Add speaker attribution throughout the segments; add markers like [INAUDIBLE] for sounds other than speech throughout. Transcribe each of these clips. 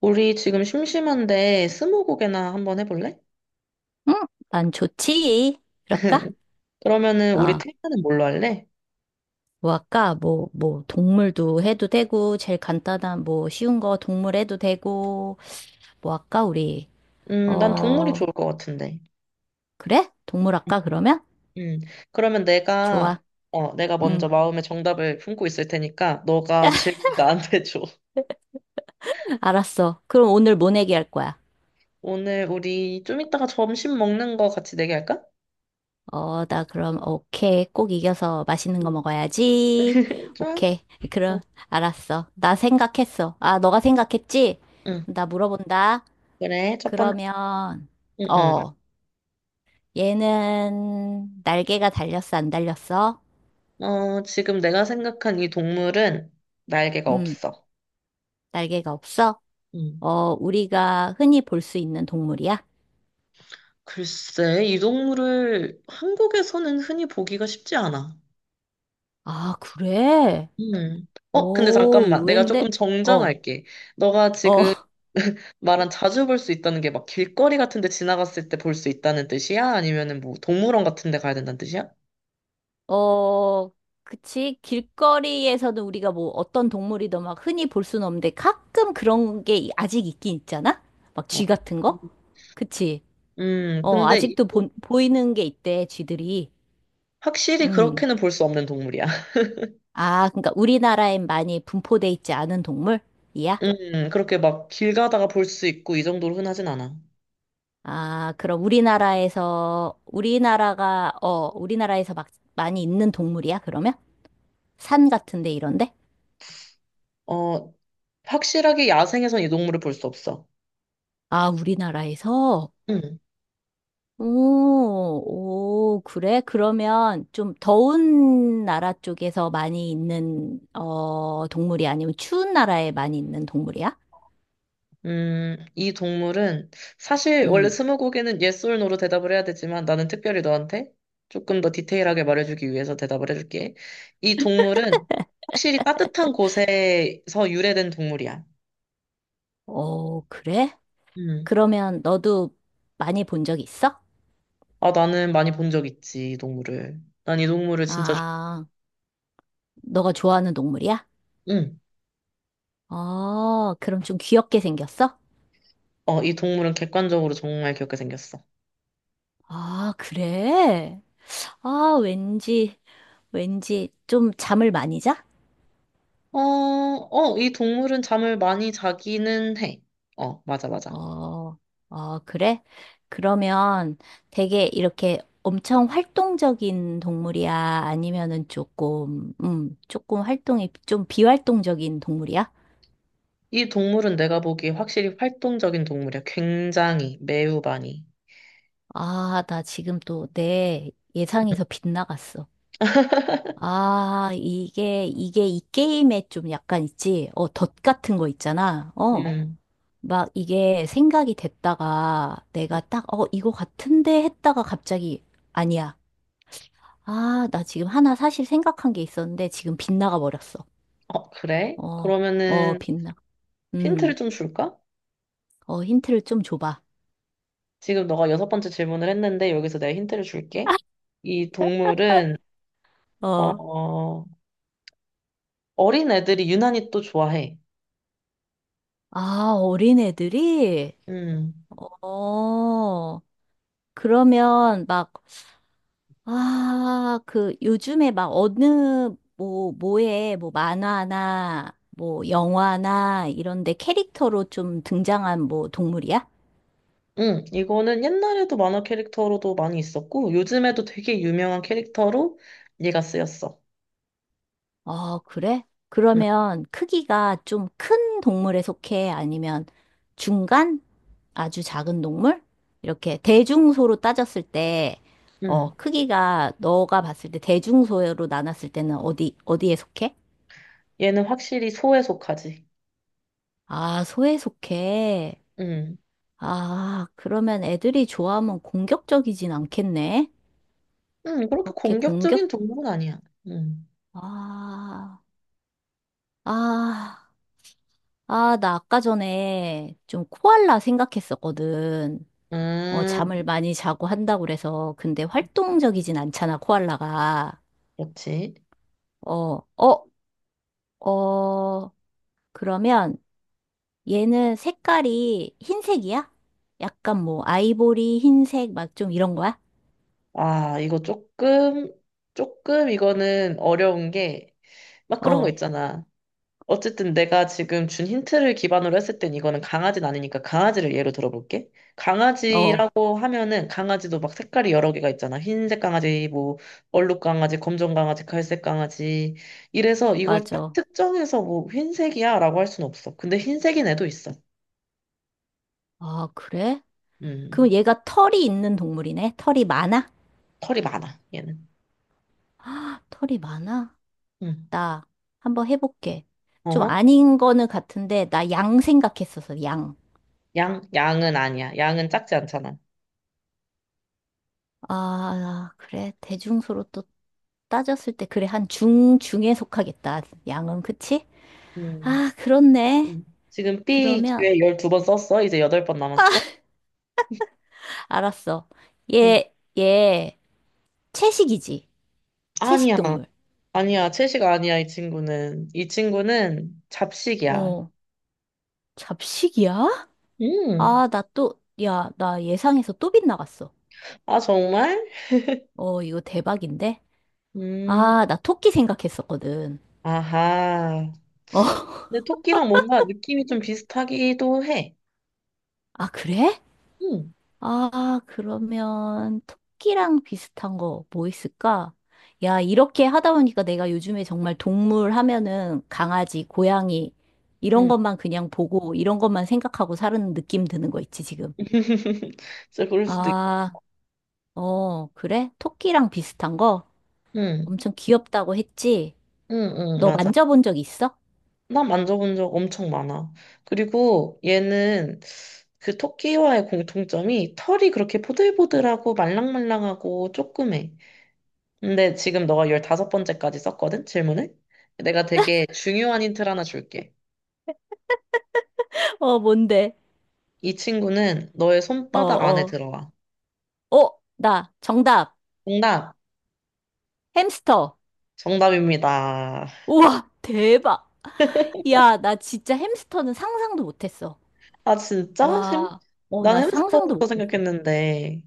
Speaker 1: 우리 지금 심심한데 스무고개나 한번 해볼래?
Speaker 2: 응? 난 좋지. 그럴까?
Speaker 1: 그러면은 우리
Speaker 2: 아,
Speaker 1: 테마는 뭘로 할래?
Speaker 2: 뭐 할까? 뭐, 뭐, 동물도 해도 되고, 제일 간단한, 뭐, 쉬운 거 동물 해도 되고, 뭐 할까, 우리?
Speaker 1: 난 동물이
Speaker 2: 어,
Speaker 1: 좋을 것 같은데.
Speaker 2: 그래? 동물 할까, 그러면?
Speaker 1: 음, 그러면 내가
Speaker 2: 좋아.
Speaker 1: 어, 내가 먼저
Speaker 2: 응.
Speaker 1: 마음의 정답을 품고 있을 테니까 너가
Speaker 2: [LAUGHS]
Speaker 1: 질문 나한테 줘. [LAUGHS]
Speaker 2: 알았어. 그럼 오늘 뭐 내기 할 거야?
Speaker 1: 오늘 우리 좀 이따가 점심 먹는 거 같이 내기할까?
Speaker 2: 어, 나 그럼, 오케이. 꼭 이겨서 맛있는 거
Speaker 1: 음.
Speaker 2: 먹어야지.
Speaker 1: [LAUGHS] 좋아?
Speaker 2: 오케이.
Speaker 1: 어,
Speaker 2: 그럼, 알았어. 나 생각했어. 아, 너가 생각했지?
Speaker 1: 응.
Speaker 2: 나 물어본다.
Speaker 1: 그래. 첫 번째.
Speaker 2: 그러면,
Speaker 1: 응, 응.
Speaker 2: 어, 얘는 날개가 달렸어, 안 달렸어?
Speaker 1: 어, 지금 내가 생각한 이 동물은 날개가
Speaker 2: 음,
Speaker 1: 없어.
Speaker 2: 날개가 없어?
Speaker 1: 음.
Speaker 2: 어, 우리가 흔히 볼 수 있는 동물이야?
Speaker 1: 글쎄, 이 동물을 한국에서는 흔히 보기가 쉽지 않아.
Speaker 2: 아, 그래?
Speaker 1: 음. 어, 근데
Speaker 2: 오,
Speaker 1: 잠깐만. 내가 조금
Speaker 2: 의외인데? 어,
Speaker 1: 정정할게. 너가
Speaker 2: 어,
Speaker 1: 지금
Speaker 2: [LAUGHS]
Speaker 1: [LAUGHS] 말한 자주 볼 수 있다는 게 막 길거리 같은 데 지나갔을 때 볼 수 있다는 뜻이야? 아니면은 뭐 동물원 같은 데 가야 된다는 뜻이야?
Speaker 2: 어, 그치? 길거리에서는 우리가 뭐 어떤 동물이든 막 흔히 볼 수는 없는데 가끔 그런 게 아직 있긴 있잖아? 막
Speaker 1: 어.
Speaker 2: 쥐 같은 거? 그치?
Speaker 1: 음,
Speaker 2: 어,
Speaker 1: 근데
Speaker 2: 아직도
Speaker 1: 이-
Speaker 2: 보이는 게 있대, 쥐들이.
Speaker 1: 확실히
Speaker 2: 음.
Speaker 1: 그렇게는 볼 수 없는 동물이야. [LAUGHS]
Speaker 2: 아, 그러니까 우리나라엔 많이 분포돼 있지 않은 동물? 이야?
Speaker 1: 그렇게 막 길 가다가 볼 수 있고 이 정도로 흔하진 않아.
Speaker 2: 아, 그럼 우리나라에서, 우리나라가, 어, 우리나라에서 막 많이 있는 동물이야, 그러면? 산 같은데 이런데?
Speaker 1: 어, 확실하게 야생에선 이 동물을 볼 수 없어.
Speaker 2: 아, 우리나라에서? 오, 오, 그래? 그러면 좀 더운 나라 쪽에서 많이 있는, 어, 동물이 아니면 추운 나라에 많이 있는 동물이야?
Speaker 1: 이 동물은 사실 원래
Speaker 2: 음,
Speaker 1: 스무고개는 yes or no로 대답을 해야 되지만 나는 특별히 너한테 조금 더 디테일하게 말해주기 위해서 대답을 해줄게. 이 동물은 확실히 따뜻한 곳에서 유래된 동물이야.
Speaker 2: 어, 그래?
Speaker 1: 음.
Speaker 2: 그러면 너도 많이 본 적 있어?
Speaker 1: 아, 나는 많이 본 적 있지, 이 동물을. 난 이 동물을 진짜, 좋-
Speaker 2: 아, 너가 좋아하는 동물이야?
Speaker 1: 응.
Speaker 2: 어, 그럼 좀 귀엽게 생겼어?
Speaker 1: 어, 이 동물은 객관적으로 정말 귀엽게 생겼어.
Speaker 2: 아, 그래? 아, 왠지, 왠지 좀 잠을 많이 자?
Speaker 1: 이 동물은 잠을 많이 자기는 해. 어, 맞아, 맞아.
Speaker 2: 어, 어, 그래? 그러면 되게 이렇게 엄청 활동적인 동물이야? 아니면은 조금, 조금 활동이 좀 비활동적인 동물이야?
Speaker 1: 이 동물은 내가 보기에 확실히 활동적인 동물이야. 굉장히, 매우 많이.
Speaker 2: 아, 나 지금 또 내 예상에서 빗나갔어. 아, 이게, 이게 이 게임에 좀 약간 있지? 어, 덫 같은 거 있잖아. 어.
Speaker 1: 음.
Speaker 2: 막 이게 생각이 됐다가 내가 딱, 어, 이거 같은데 했다가 갑자기, 아니야. 아, 나 지금 하나 사실 생각한 게 있었는데 지금 빗나가 버렸어.
Speaker 1: 어, 그래?
Speaker 2: 어, 어,
Speaker 1: 그러면은
Speaker 2: 빗나.
Speaker 1: 힌트를
Speaker 2: 음,
Speaker 1: 좀 줄까?
Speaker 2: 어, 힌트를 좀 줘봐.
Speaker 1: 지금 너가 여섯 번째 질문을 했는데 여기서 내가 힌트를 줄게. 이 동물은
Speaker 2: 어.
Speaker 1: 어, 어린 애들이 유난히 또 좋아해.
Speaker 2: 아, 어린애들이?
Speaker 1: 음.
Speaker 2: 어, 그러면 막, 아, 그 요즘에 막 어느, 뭐, 뭐 만화나, 뭐 영화나 이런데 캐릭터로 좀 등장한 뭐 동물이야?
Speaker 1: 이거는 옛날에도 만화 캐릭터로도 많이 있었고 요즘에도 되게 유명한 캐릭터로 얘가 쓰였어.
Speaker 2: 어, 그래?
Speaker 1: 음.
Speaker 2: 그러면 크기가 좀 큰 동물에 속해? 아니면 중간? 아주 작은 동물? 이렇게 대중소로 따졌을 때, 어,
Speaker 1: 음.
Speaker 2: 크기가 너가 봤을 때 대중소로 나눴을 때는 어디, 어디에 속해?
Speaker 1: 얘는 확실히 소에 속하지.
Speaker 2: 아, 소에 속해.
Speaker 1: 응.
Speaker 2: 아, 그러면 애들이 좋아하면 공격적이진 않겠네?
Speaker 1: 그렇게
Speaker 2: 그렇게 공격?
Speaker 1: 공격적인 동물은 아니야. 음,
Speaker 2: 아, 아, 아, 나 아까 전에 좀 코알라 생각했었거든. 어,
Speaker 1: 음,
Speaker 2: 잠을 많이 자고 한다고 그래서, 근데 활동적이진 않잖아, 코알라가.
Speaker 1: 그렇지.
Speaker 2: 어, 어, 어, 그러면 얘는 색깔이 흰색이야? 약간 뭐, 아이보리, 흰색, 막 좀 이런 거야?
Speaker 1: 아, 이거 조금, 조금 이거는 어려운 게, 막 그런 거
Speaker 2: 어,
Speaker 1: 있잖아. 어쨌든 내가 지금 준 힌트를 기반으로 했을 땐 이거는 강아지는 아니니까 강아지를 예로 들어볼게.
Speaker 2: 어,
Speaker 1: 강아지라고 하면은 강아지도 막 색깔이 여러 개가 있잖아. 흰색 강아지, 뭐, 얼룩 강아지, 검정 강아지, 갈색 강아지. 이래서 이걸 딱
Speaker 2: 맞아.
Speaker 1: 특정해서 뭐 흰색이야 라고 할 순 없어. 근데 흰색인 애도 있어.
Speaker 2: 아, 그래? 그럼
Speaker 1: 음.
Speaker 2: 얘가 털이 있는 동물이네? 털이 많아?
Speaker 1: 털이 많아, 얘는.
Speaker 2: [GASPS] 아, 털이 많아?
Speaker 1: 응.
Speaker 2: 나 한번 해볼게. 좀
Speaker 1: 어?
Speaker 2: 아닌 거는 같은데, 나 양 생각했었어, 양.
Speaker 1: 양, 양은 아니야. 양은 작지 않잖아.
Speaker 2: 아, 그래. 대중소로 또 따졌을 때, 그래. 한 중, 중에 속하겠다. 양은, 그치?
Speaker 1: 음.
Speaker 2: 아, 그렇네.
Speaker 1: 음. 지금 B
Speaker 2: 그러면,
Speaker 1: 기회 12번 썼어? 이제 8번 남았어?
Speaker 2: 알았어.
Speaker 1: 음.
Speaker 2: 얘, 얘, 채식이지. 채식
Speaker 1: 아니야.
Speaker 2: 동물.
Speaker 1: 아니야. 채식 아니야, 이 친구는. 이 친구는 잡식이야.
Speaker 2: 어, 잡식이야?
Speaker 1: 음.
Speaker 2: 아, 나 또, 야, 나 예상해서 또 빗나갔어.
Speaker 1: 아, 정말?
Speaker 2: 어, 이거 대박인데?
Speaker 1: 음.
Speaker 2: 아, 나 토끼 생각했었거든.
Speaker 1: 아하.
Speaker 2: 어, [LAUGHS]
Speaker 1: 근데 토끼랑 뭔가 느낌이 좀 비슷하기도 해.
Speaker 2: 아, 그래?
Speaker 1: 음.
Speaker 2: 아, 그러면 토끼랑 비슷한 거 뭐 있을까? 야, 이렇게 하다 보니까 내가 요즘에 정말 동물 하면은 강아지, 고양이 이런
Speaker 1: 음.
Speaker 2: 것만 그냥 보고 이런 것만 생각하고 사는 느낌 드는 거 있지, 지금.
Speaker 1: [LAUGHS] 진짜 그럴 수도 있겠다.
Speaker 2: 아, 어, 그래? 토끼랑 비슷한 거?
Speaker 1: 응,
Speaker 2: 엄청 귀엽다고 했지?
Speaker 1: 응, 응,
Speaker 2: 너
Speaker 1: 맞아.
Speaker 2: 만져본 적 있어?
Speaker 1: 나 만져본 적 엄청 많아. 그리고 얘는 그 토끼와의 공통점이 털이 그렇게 보들보들하고 말랑말랑하고 쪼그매. 근데 지금 너가 열다섯 번째까지 썼거든, 질문을? 내가 되게 중요한 힌트를 하나 줄게.
Speaker 2: [LAUGHS] 어, 뭔데?
Speaker 1: 이 친구는 너의
Speaker 2: 어,
Speaker 1: 손바닥 안에
Speaker 2: 어.
Speaker 1: 들어와.
Speaker 2: 어, 나 정답.
Speaker 1: 정답,
Speaker 2: 햄스터.
Speaker 1: 정답입니다.
Speaker 2: 우와, 대박. 야, 나 진짜 햄스터는 상상도 못했어.
Speaker 1: 아, 진짜?
Speaker 2: 와, 어,
Speaker 1: 난
Speaker 2: 나 상상도
Speaker 1: 햄스터부터
Speaker 2: 못했어.
Speaker 1: 생각했는데.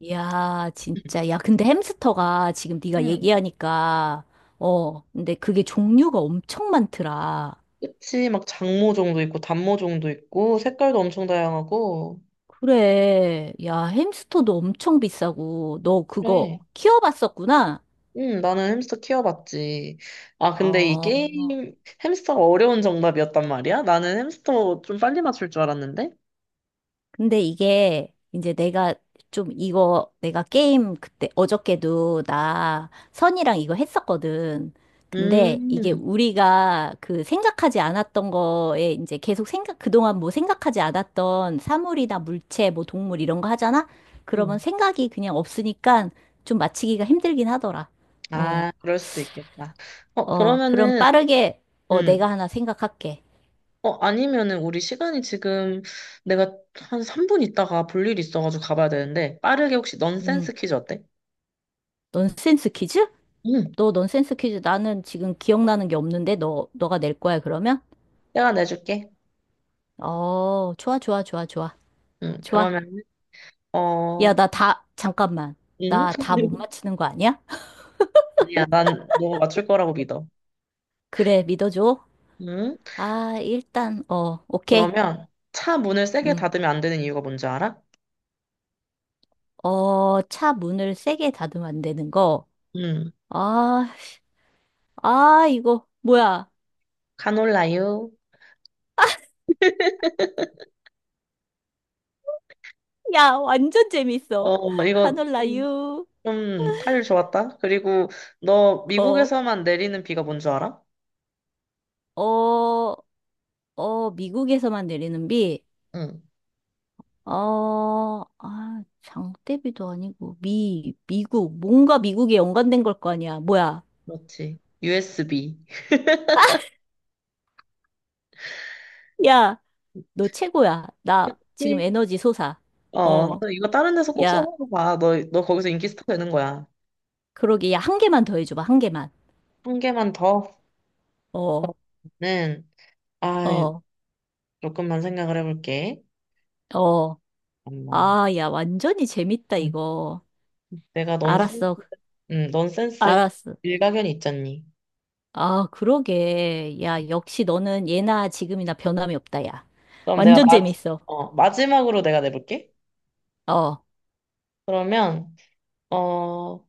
Speaker 2: 이야, 진짜. 야, 근데 햄스터가 지금 네가
Speaker 1: 응.
Speaker 2: 얘기하니까, 어, 근데 그게 종류가 엄청 많더라.
Speaker 1: 그치, 막 장모종도 있고, 단모종도 있고, 색깔도 엄청 다양하고.
Speaker 2: 그래. 야, 햄스터도 엄청 비싸고, 너 그거
Speaker 1: 그래.
Speaker 2: 키워봤었구나?
Speaker 1: 응, 나는 햄스터 키워봤지. 아, 근데 이
Speaker 2: 어,
Speaker 1: 게임, 햄스터가 어려운 정답이었단 말이야? 나는 햄스터 좀 빨리 맞출 줄 알았는데?
Speaker 2: 근데 이게 이제 내가 좀 이거 내가 게임 그때 어저께도 나 선이랑 이거 했었거든. 근데 이게
Speaker 1: 음,
Speaker 2: 우리가 그 생각하지 않았던 거에 이제 계속 생각, 그동안 뭐 생각하지 않았던 사물이나 물체, 뭐 동물 이런 거 하잖아? 그러면
Speaker 1: 음.
Speaker 2: 생각이 그냥 없으니까 좀 맞히기가 힘들긴 하더라. 어,
Speaker 1: 아, 그럴 수도 있겠다. 어,
Speaker 2: 어, 그럼
Speaker 1: 그러면은,
Speaker 2: 빠르게, 어, 내가
Speaker 1: 음.
Speaker 2: 하나 생각할게.
Speaker 1: 어, 아니면은 우리 시간이 지금 내가 한 3분 있다가 볼 일이 있어가지고 가봐야 되는데, 빠르게 혹시 넌센스
Speaker 2: 음,
Speaker 1: 퀴즈 어때?
Speaker 2: 넌센스 퀴즈?
Speaker 1: 응,
Speaker 2: 너 넌센스 퀴즈 나는 지금 기억나는 게 없는데 너 너가 낼 거야 그러면?
Speaker 1: 내가 내줄게.
Speaker 2: 어, 좋아 좋아 좋아 좋아.
Speaker 1: 응,
Speaker 2: 좋아.
Speaker 1: 그러면,
Speaker 2: 야,
Speaker 1: 어,
Speaker 2: 나 다 잠깐만.
Speaker 1: 응?
Speaker 2: 나 다 못
Speaker 1: [LAUGHS]
Speaker 2: 맞히는 거 아니야? [LAUGHS]
Speaker 1: 아니야, 난 너가 맞출 거라고 믿어.
Speaker 2: 그래, 믿어줘.
Speaker 1: 응?
Speaker 2: 아, 일단 어, 오케이.
Speaker 1: 그러면 차 문을 세게
Speaker 2: 음.
Speaker 1: 닫으면 안 되는 이유가 뭔지 알아?
Speaker 2: 어, 차 문을 세게 닫으면 안 되는 거.
Speaker 1: 음,
Speaker 2: 아, 아, 이거 뭐야?
Speaker 1: 카놀라유.
Speaker 2: 야, 완전 재밌어.
Speaker 1: 어,
Speaker 2: 카놀라유.
Speaker 1: 좀 타율 좋았다. 그리고 너
Speaker 2: 어.
Speaker 1: 미국에서만 내리는 비가 뭔 줄 알아?
Speaker 2: 어, 어, 미국에서만 내리는 비.
Speaker 1: 응,
Speaker 2: 어, 아, 장대비도 아니고, 미국, 뭔가 미국에 연관된 걸 거 아니야. 뭐야.
Speaker 1: 그렇지. USB.
Speaker 2: 야, 너 최고야. 나 지금
Speaker 1: 그치?
Speaker 2: 에너지 솟아.
Speaker 1: 어,
Speaker 2: 어,
Speaker 1: 너 이거 다른 데서 꼭
Speaker 2: 야,
Speaker 1: 써먹어봐. 너 거기서 인기 스타 되는 거야.
Speaker 2: 그러게. 야, 한 개만 더 해줘봐. 한 개만.
Speaker 1: 한 개만
Speaker 2: 어,
Speaker 1: 더는, 아,
Speaker 2: 어,
Speaker 1: 조금만 생각을 해볼게.
Speaker 2: 어.
Speaker 1: 엄마.
Speaker 2: 아, 야, 완전히 재밌다,
Speaker 1: 응.
Speaker 2: 이거.
Speaker 1: 내가 넌센스,
Speaker 2: 알았어.
Speaker 1: 응, 넌센스
Speaker 2: 알았어.
Speaker 1: 일가견이 있잖니.
Speaker 2: 아, 그러게. 야, 역시 너는 예나 지금이나 변함이 없다, 야.
Speaker 1: 그럼 내가
Speaker 2: 완전
Speaker 1: 마,
Speaker 2: 재밌어.
Speaker 1: 어, 마지막으로 내가 내볼게.
Speaker 2: 어.
Speaker 1: 그러면, 어,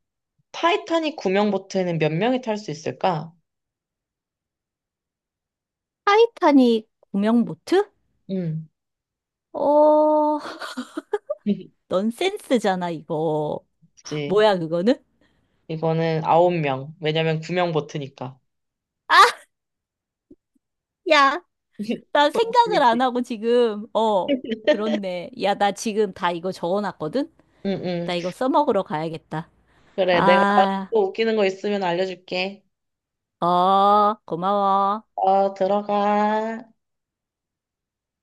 Speaker 1: 타이타닉 구명 보트에는 몇 명이 탈 수 있을까?
Speaker 2: 타이타닉 구명 보트?
Speaker 1: 음.
Speaker 2: 어,
Speaker 1: [LAUGHS]
Speaker 2: 넌센스잖아, 이거.
Speaker 1: 그치.
Speaker 2: 뭐야, 그거는?
Speaker 1: 이거는 9명. 왜냐면 구명 보트니까.
Speaker 2: 아, 야, 나
Speaker 1: [LAUGHS]
Speaker 2: 생각을 안
Speaker 1: 재밌지?
Speaker 2: 하고 지금, 어, 그렇네. 야, 나 지금 다 이거 적어놨거든?
Speaker 1: 응, 응.
Speaker 2: 나 이거 써먹으러 가야겠다.
Speaker 1: 그래, 내가
Speaker 2: 아,
Speaker 1: 또 웃기는 거 있으면 알려줄게.
Speaker 2: 어, 고마워.
Speaker 1: 어, 들어가.